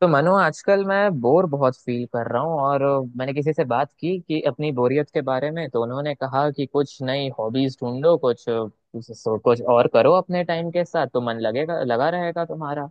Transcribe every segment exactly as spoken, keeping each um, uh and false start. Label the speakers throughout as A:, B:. A: तो मनु, आजकल मैं बोर बहुत फील कर रहा हूँ। और मैंने किसी से बात की कि अपनी बोरियत के बारे में, तो उन्होंने कहा कि कुछ नई हॉबीज ढूंढो, कुछ सो- कुछ और करो अपने टाइम के साथ तो मन लगेगा, लगा रहेगा तुम्हारा।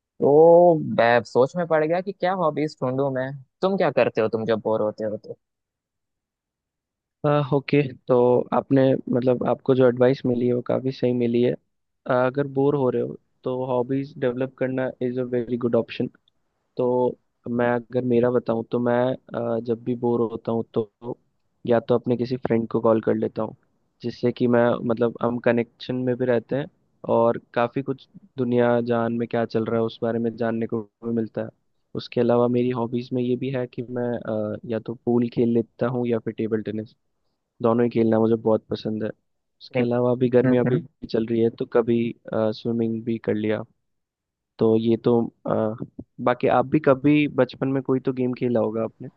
A: तो मैं सोच में पड़ गया कि क्या हॉबीज ढूंढूं मैं। तुम क्या करते हो तुम जब बोर होते हो तो?
B: आ, ओके। तो आपने मतलब आपको जो एडवाइस मिली है वो काफ़ी सही मिली है। अ, अगर बोर हो रहे हो तो हॉबीज डेवलप करना is a very good option. तो मैं अगर मेरा बताऊं तो मैं अ, जब भी बोर होता हूं तो या तो अपने किसी फ्रेंड को कॉल कर लेता हूं, जिससे कि मैं मतलब हम कनेक्शन में भी रहते हैं और काफ़ी कुछ दुनिया जान में क्या चल रहा है उस बारे में जानने को भी मिलता है। उसके अलावा मेरी हॉबीज़ में ये भी है कि मैं अ, या तो पूल खेल लेता हूँ या फिर टेबल टेनिस। दोनों ही खेलना मुझे बहुत पसंद है।
A: नहीं।
B: उसके अलावा अभी गर्मियाँ
A: हम्म।
B: भी चल रही है तो कभी स्विमिंग भी कर लिया। तो ये तो अ, बाकी आप भी कभी बचपन में कोई तो गेम खेला होगा आपने।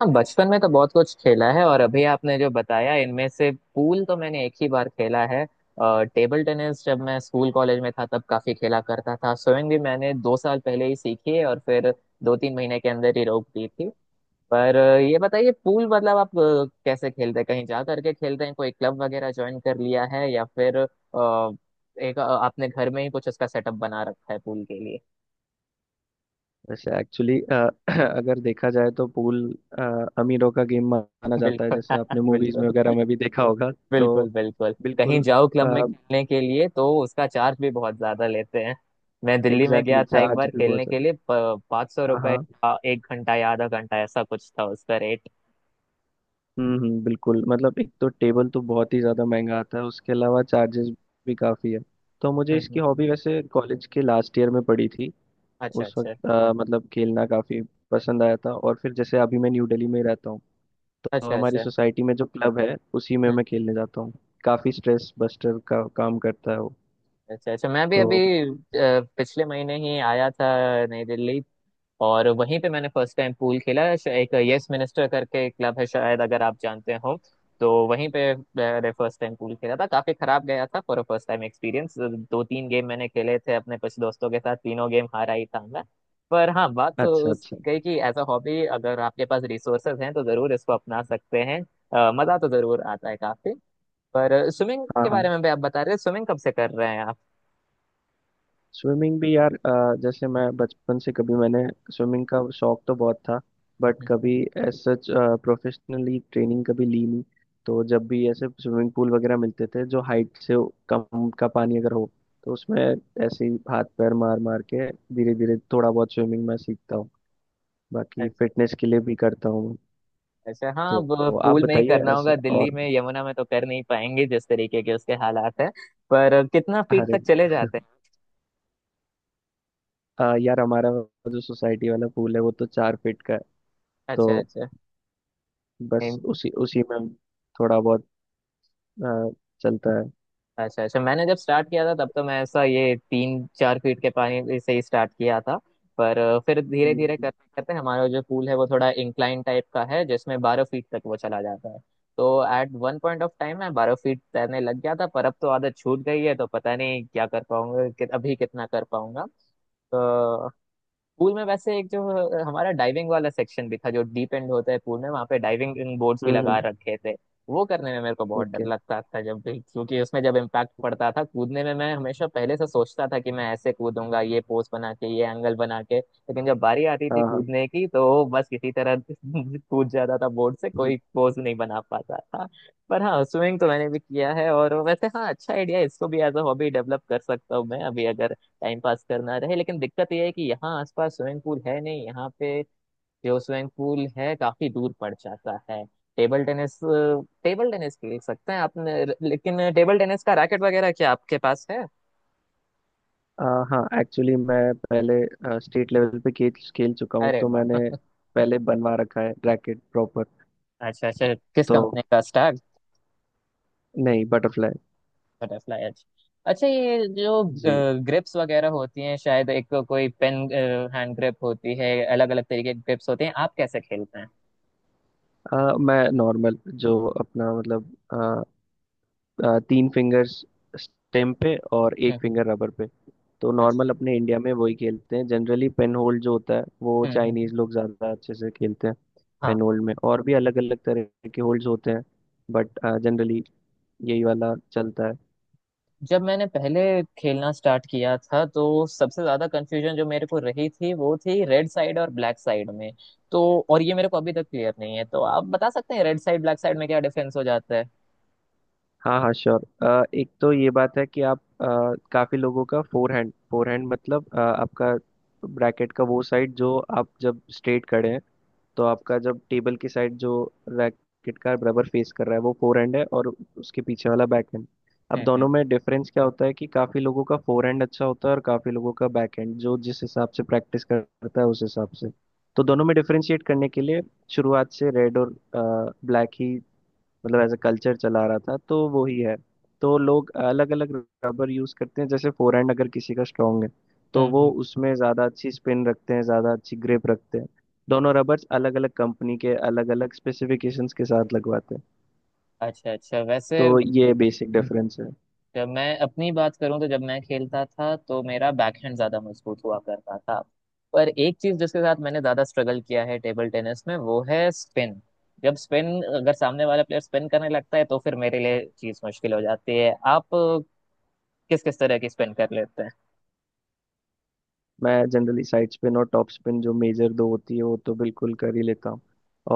A: हाँ, बचपन में तो बहुत कुछ खेला है। और अभी आपने जो बताया इनमें से पूल तो मैंने एक ही बार खेला है। और टेबल टेनिस जब मैं स्कूल कॉलेज में था तब काफी खेला करता था। स्विमिंग भी मैंने दो साल पहले ही सीखी है और फिर दो तीन महीने के अंदर ही रोक दी थी। पर अ, ये बताइए, पूल मतलब आप अ, कैसे खेलते हैं? कहीं जा करके खेलते हैं? कोई क्लब वगैरह ज्वाइन कर लिया है या फिर अ, एक अ, आपने घर में ही कुछ उसका सेटअप बना रखा है पूल के लिए?
B: वैसे एक्चुअली अगर देखा जाए तो पूल अमीरों का गेम माना जाता है,
A: बिल्कुल।
B: जैसे आपने मूवीज
A: बिल्कुल।
B: में वगैरह में भी देखा होगा। तो
A: बिल्कुल बिल्कुल। कहीं
B: बिल्कुल।
A: जाओ क्लब में खेलने के लिए तो उसका चार्ज भी बहुत ज्यादा लेते हैं। मैं दिल्ली में
B: एग्जैक्टली
A: गया था
B: exactly,
A: एक
B: जहाज
A: बार
B: भी
A: खेलने
B: बहुत है।
A: के लिए, पाँच सौ
B: हाँ
A: रुपए
B: हाँ।
A: का एक घंटा या आधा घंटा ऐसा कुछ था उसका रेट।
B: हम्म हम्म, बिल्कुल। मतलब एक तो टेबल तो बहुत ही ज़्यादा महंगा आता है, उसके अलावा चार्जेस भी काफ़ी है। तो मुझे
A: हम्म हम्म,
B: इसकी
A: हम्म।
B: हॉबी वैसे कॉलेज के लास्ट ईयर में पड़ी थी।
A: अच्छा
B: उस
A: अच्छा।
B: वक्त अ, मतलब खेलना काफ़ी पसंद आया था, और फिर जैसे अभी मैं न्यू दिल्ली में रहता हूँ तो
A: अच्छा
B: हमारी
A: अच्छा।
B: सोसाइटी में जो क्लब है उसी में मैं
A: हम्म।
B: खेलने जाता हूँ। काफ़ी स्ट्रेस बस्टर का काम करता है वो।
A: अच्छा अच्छा, मैं भी
B: तो
A: अभी अ, पिछले महीने ही आया था नई दिल्ली। और वहीं पे मैंने फर्स्ट टाइम पूल खेला, श- एक यस मिनिस्टर करके एक क्लब है, शायद अगर आप जानते हो। तो वहीं पे मैंने फर्स्ट टाइम पूल खेला था। काफी खराब गया था फॉर फर्स्ट टाइम एक्सपीरियंस। दो तीन गेम मैंने खेले थे अपने कुछ दोस्तों के साथ, तीनों गेम हारा ही था मैं। पर हाँ, बात तो
B: अच्छा
A: उस
B: अच्छा।
A: कही कि एज अ हॉबी, अगर आपके पास रिसोर्सेज हैं तो जरूर इसको अपना सकते हैं। अ, मजा तो जरूर आता है काफी। पर स्विमिंग
B: हाँ
A: के
B: हाँ।
A: बारे में भी आप बता रहे हैं, स्विमिंग कब से कर रहे हैं
B: स्विमिंग भी यार अ, जैसे मैं बचपन से कभी मैंने स्विमिंग का शौक तो बहुत था, बट
A: आप?
B: कभी एज सच प्रोफेशनली ट्रेनिंग कभी ली नहीं। तो जब भी ऐसे स्विमिंग पूल वगैरह मिलते थे जो हाइट से कम का पानी अगर हो तो उसमें ऐसे ही हाथ पैर मार मार के धीरे धीरे थोड़ा बहुत स्विमिंग मैं सीखता हूँ। बाकी फिटनेस के लिए भी करता हूँ।
A: अच्छा, हाँ
B: तो,
A: वो
B: तो आप
A: पूल में ही
B: बताइए
A: करना
B: ऐसा
A: होगा। दिल्ली
B: और।
A: में यमुना में तो कर नहीं पाएंगे जिस तरीके के उसके हालात है। पर कितना फीट
B: अरे
A: तक चले जाते हैं?
B: अ, यार हमारा जो सोसाइटी वाला पूल है वो तो चार फीट का है। तो
A: अच्छा अच्छा।
B: बस
A: एम-
B: उसी उसी में थोड़ा बहुत, हाँ, चलता है।
A: अच्छा अच्छा, मैंने जब स्टार्ट किया था तब तो मैं ऐसा ये तीन चार फीट के पानी से ही स्टार्ट किया था। पर फिर धीरे धीरे
B: हम्म
A: करते करते हमारा जो पूल है वो थोड़ा इंक्लाइन टाइप का है जिसमें बारह फीट तक वो चला जाता है। तो at one point of time मैं बारह फीट तैरने लग गया था। पर अब तो आदत छूट गई है तो पता नहीं क्या कर पाऊंगा, कि अभी कितना कर पाऊंगा। तो पूल में वैसे एक जो अ, हमारा डाइविंग वाला सेक्शन भी था, जो डीप एंड होता है पूल में, वहां पे डाइविंग बोर्ड्स भी लगा
B: हम्म।
A: रखे थे। वो करने में मेरे को बहुत डर
B: ओके।
A: लगता था जब भी, क्योंकि उसमें जब इम्पैक्ट पड़ता था कूदने में, मैं हमेशा पहले से सोचता था कि मैं ऐसे कूदूंगा, ये पोज बना के, ये एंगल बना के, लेकिन जब बारी आती थी
B: हाँ हाँ।
A: कूदने की तो बस किसी तरह कूद जाता था बोर्ड से,
B: हम्म,
A: कोई पोज नहीं बना पाता था। पर हाँ, स्विमिंग तो मैंने भी किया है। और वैसे हाँ, अच्छा आइडिया, इसको भी एज अ हॉबी डेवलप कर सकता हूँ मैं अभी, अगर टाइम पास करना रहे। लेकिन दिक्कत यह है कि यहाँ आसपास स्विमिंग पूल है नहीं यहाँ पे। जो स्विमिंग पूल है काफी दूर पड़ जाता है। टेबल टेनिस, टेबल टेनिस खेल सकते हैं आपने, लेकिन टेबल टेनिस का रैकेट वगैरह क्या आपके पास है?
B: आ, हाँ एक्चुअली मैं पहले स्टेट लेवल पे खेल खेल चुका हूँ,
A: अरे
B: तो
A: वाह!
B: मैंने पहले बनवा रखा है रैकेट प्रॉपर।
A: अच्छा अच्छा, किस
B: तो
A: कंपनी का, स्टैग?
B: नहीं, बटरफ्लाई।
A: बटरफ्लाई, अच्छा। अच्छा, ये जो
B: जी।
A: ग्रिप्स वगैरह होती हैं, शायद एक को- कोई पेन हैंड ग्रिप होती है, अलग अलग तरीके के ग्रिप्स होते हैं, आप कैसे खेलते हैं?
B: आ, मैं नॉर्मल जो अपना मतलब आ, आ, तीन फिंगर्स स्टेम पे और
A: हम्म
B: एक
A: हम्म,
B: फिंगर रबर पे। तो नॉर्मल अपने
A: अच्छा।
B: इंडिया में वही खेलते हैं जनरली। पेन होल्ड जो होता है वो
A: हम्म हम्म हम्म,
B: चाइनीज लोग ज़्यादा अच्छे से खेलते हैं।
A: हाँ
B: पेन
A: हाँ
B: होल्ड में
A: हाँ।
B: और भी अलग अलग तरह के होल्ड्स होते हैं, बट जनरली यही वाला चलता है।
A: जब मैंने पहले खेलना स्टार्ट किया था तो सबसे ज्यादा कंफ्यूजन जो मेरे को रही थी वो थी रेड साइड और ब्लैक साइड में। तो और ये मेरे को अभी तक क्लियर नहीं है, तो आप बता सकते हैं रेड साइड ब्लैक साइड में क्या डिफरेंस हो जाता है?
B: हाँ हाँ श्योर। एक तो ये बात है कि आप अ, काफी लोगों का फोर हैंड। फोर हैंड मतलब अ, आपका ब्रैकेट का वो साइड जो आप जब स्ट्रेट खड़े हैं तो आपका जब टेबल की साइड जो रैकेट का रबर फेस कर रहा है वो फोर हैंड है, और उसके पीछे वाला बैक हैंड। अब
A: हम्म
B: दोनों
A: हम्म
B: में डिफरेंस क्या होता है कि काफी लोगों का फोर हैंड अच्छा होता है और काफी लोगों का बैक हैंड, जो जिस हिसाब से प्रैक्टिस करता है उस हिसाब से। तो दोनों में डिफरेंशिएट करने के लिए शुरुआत से रेड और ब्लैक ही मतलब एज अ कल्चर चला रहा था, तो वो ही है। तो लोग अलग अलग रबर यूज करते हैं। जैसे फोरहैंड अगर किसी का स्ट्रांग है
A: हम्म
B: तो वो
A: हम्म।
B: उसमें ज्यादा अच्छी स्पिन रखते हैं, ज्यादा अच्छी ग्रिप रखते हैं। दोनों रबर्स अलग अलग कंपनी के अलग अलग स्पेसिफिकेशंस के साथ लगवाते हैं।
A: अच्छा अच्छा। वैसे
B: तो ये बेसिक डिफरेंस है।
A: जब मैं अपनी बात करूं तो जब मैं खेलता था तो मेरा बैकहैंड ज्यादा मजबूत हुआ करता था। पर एक चीज जिसके साथ मैंने ज्यादा स्ट्रगल किया है टेबल टेनिस में वो है स्पिन। जब स्पिन, अगर सामने वाला प्लेयर स्पिन करने लगता है तो फिर मेरे लिए चीज मुश्किल हो जाती है। आप किस किस तरह की स्पिन कर लेते हैं?
B: मैं जनरली साइड स्पिन और टॉप स्पिन, जो मेजर दो होती है, वो तो बिल्कुल कर ही लेता हूँ।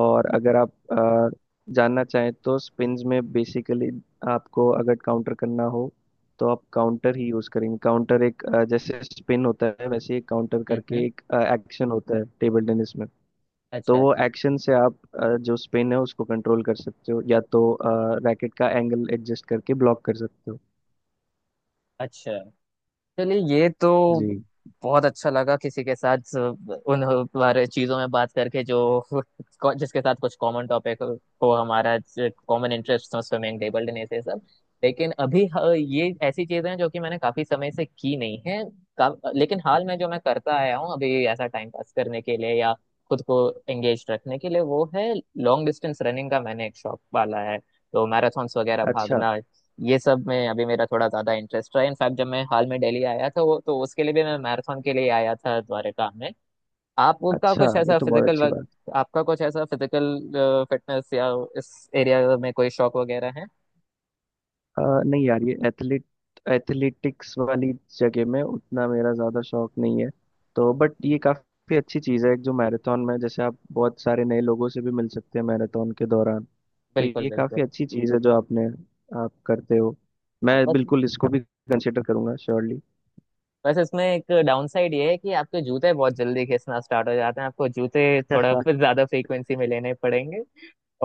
B: और अगर आप अ, जानना चाहें तो स्पिन्स में बेसिकली आपको अगर काउंटर करना हो तो आप काउंटर ही यूज करेंगे। काउंटर एक अ, जैसे स्पिन होता है वैसे ही काउंटर
A: हम्म
B: करके
A: हम्म,
B: एक एक्शन होता है टेबल टेनिस में।
A: अच्छा।
B: तो वो
A: अच्छा
B: एक्शन से आप अ, जो स्पिन है उसको कंट्रोल कर सकते हो, या तो रैकेट का एंगल एडजस्ट करके ब्लॉक कर सकते हो।
A: अच्छा, चलिए, ये तो
B: जी।
A: बहुत अच्छा लगा किसी के साथ उन बारे चीजों में बात करके जो जिसके साथ कुछ कॉमन टॉपिक हो, हमारा कॉमन इंटरेस्ट हो, स्विमिंग, टेबल टेनिस, ये सब। लेकिन अभी ह- ये ऐसी चीजें हैं जो कि मैंने काफी समय से की नहीं है। का, लेकिन हाल में जो मैं करता आया हूँ अभी ऐसा टाइम पास करने के लिए या खुद को एंगेज रखने के लिए, वो है लॉन्ग डिस्टेंस रनिंग का मैंने एक शौक पाला है। तो मैराथॉन्स वगैरह
B: अच्छा
A: भागना, ये सब में अभी मेरा थोड़ा ज्यादा इंटरेस्ट रहा। इनफैक्ट जब मैं हाल में दिल्ली आया था वो तो उसके लिए भी, मैं मैराथन के लिए आया था द्वारका में। आपका
B: अच्छा,
A: कुछ
B: ये
A: ऐसा
B: तो बहुत
A: फिजिकल
B: अच्छी
A: वर्क,
B: बात।
A: आपका कुछ ऐसा फिजिकल फिटनेस या इस एरिया में कोई शौक वगैरह है?
B: अ, नहीं यार ये एथलीट एथलेटिक्स वाली जगह में उतना मेरा ज़्यादा शौक नहीं है तो। बट ये काफ़ी अच्छी चीज़ है एक, जो मैराथन में जैसे आप बहुत सारे नए लोगों से भी मिल सकते हैं मैराथन के दौरान। तो
A: बिल्कुल
B: ये
A: बिल्कुल।
B: काफ़ी अच्छी चीज़ है जो आपने आप करते हो।
A: हाँ,
B: मैं
A: बस
B: बिल्कुल इसको भी कंसिडर करूंगा श्योरली।
A: बस इसमें एक डाउन साइड ये है कि आपके जूते बहुत जल्दी घिसना स्टार्ट हो जाते हैं, आपको जूते थोड़ा फिर ज्यादा फ्रीक्वेंसी में लेने पड़ेंगे।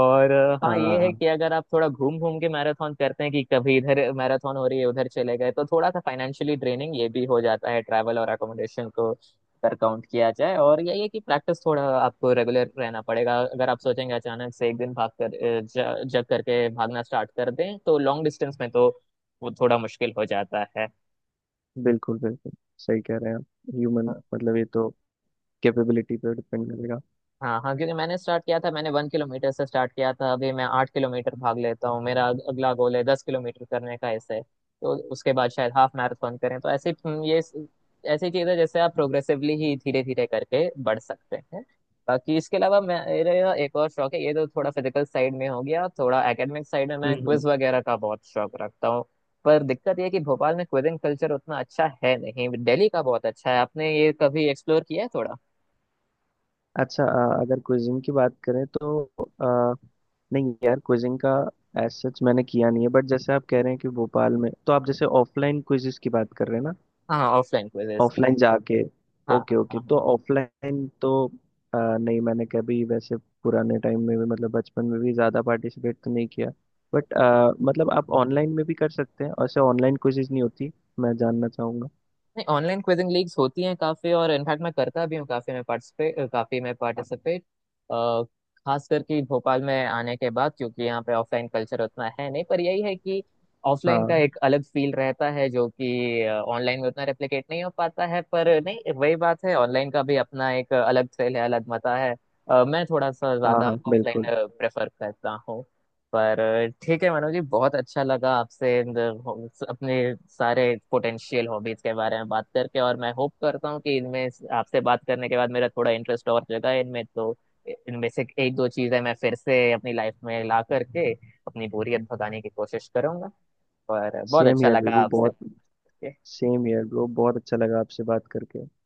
A: और अ, हाँ ये है
B: हाँ
A: कि अगर आप थोड़ा घूम घूम के मैराथन करते हैं, कि कभी इधर मैराथन हो रही है उधर चले गए, तो थोड़ा सा फाइनेंशियली ड्रेनिंग ये भी हो जाता है, ट्रैवल और अकोमोडेशन को अगर काउंट किया जाए। और यही है कि प्रैक्टिस थोड़ा आपको रेगुलर रहना पड़ेगा। अगर आप सोचेंगे अचानक से एक दिन भाग कर अ, ज- जग करके भागना स्टार्ट कर दें तो लॉन्ग डिस्टेंस में तो वो थोड़ा मुश्किल हो जाता है।
B: बिल्कुल बिल्कुल। सही कह रहे हैं आप। ह्यूमन मतलब ये तो कैपेबिलिटी पे डिपेंड करेगा।
A: हाँ हाँ, क्योंकि मैंने स्टार्ट किया था, मैंने वन किलोमीटर से स्टार्ट किया था। अभी मैं आठ किलोमीटर भाग लेता हूँ। मेरा अगला गोल है दस किलोमीटर करने का। ऐसे तो उसके बाद शायद हाफ मैराथन करें। तो ऐसे हम्म, ये ऐसी चीज है जैसे आप प्रोग्रेसिवली ही धीरे धीरे करके बढ़ सकते हैं। बाकी इसके अलावा मेरा एक और शौक है। ये तो थोड़ा फिजिकल साइड में हो गया, थोड़ा एकेडमिक साइड में मैं
B: हम्म।
A: क्विज वगैरह का बहुत शौक रखता हूँ। पर दिक्कत ये है कि भोपाल में क्विजिंग कल्चर उतना अच्छा है नहीं, दिल्ली का बहुत अच्छा है। आपने ये कभी एक्सप्लोर किया है थोड़ा?
B: अच्छा, अ, अगर क्विजिंग की बात करें तो अ, नहीं यार, क्विजिंग का एज सच मैंने किया नहीं है। बट जैसे आप कह रहे हैं कि भोपाल में, तो आप जैसे ऑफलाइन क्विजिस की बात कर रहे हैं ना?
A: हाँ, ऑफलाइन क्विजेस।
B: ऑफलाइन जाके।
A: हाँ
B: ओके
A: हाँ
B: ओके,
A: हाँ
B: तो
A: हाँ।
B: ऑफलाइन तो अ, नहीं, मैंने कभी वैसे पुराने टाइम में भी मतलब बचपन में भी ज़्यादा पार्टिसिपेट तो नहीं किया। बट मतलब आप ऑनलाइन में भी कर सकते हैं, और ऐसे ऑनलाइन क्विजिज नहीं होती? मैं जानना चाहूँगा।
A: नहीं, ऑनलाइन क्विजिंग लीग्स होती हैं काफी। और इनफैक्ट मैं करता भी हूँ काफी। मैं पार्टिसिपेट काफी मैं पार्टिसिपेट खास करके भोपाल में आने के बाद, क्योंकि यहाँ पे ऑफलाइन कल्चर उतना है नहीं। पर यही है कि ऑफलाइन का
B: हाँ
A: एक अलग फील रहता है जो कि ऑनलाइन में उतना रेप्लिकेट नहीं हो पाता है। पर नहीं, वही बात है, ऑनलाइन का भी अपना एक अलग थ्रिल है, अलग मजा है। अ, मैं थोड़ा सा
B: हाँ
A: ज्यादा
B: हाँ बिल्कुल।
A: ऑफलाइन प्रेफर करता। पर ठीक है मनोज जी, बहुत अच्छा लगा आपसे इन द- अपने सारे पोटेंशियल हॉबीज के बारे में बात करके। और मैं होप करता हूँ कि इनमें से- आपसे बात करने के बाद मेरा थोड़ा इंटरेस्ट और जगा इनमें, तो इनमें से एक दो चीजें मैं फिर से अपनी लाइफ में ला करके अपनी बोरियत भगाने की कोशिश करूंगा। पर बहुत
B: सेम
A: अच्छा
B: यार
A: लगा
B: वो बहुत
A: आपसे।
B: सेम यार ब्रो, बहुत अच्छा लगा आपसे बात करके।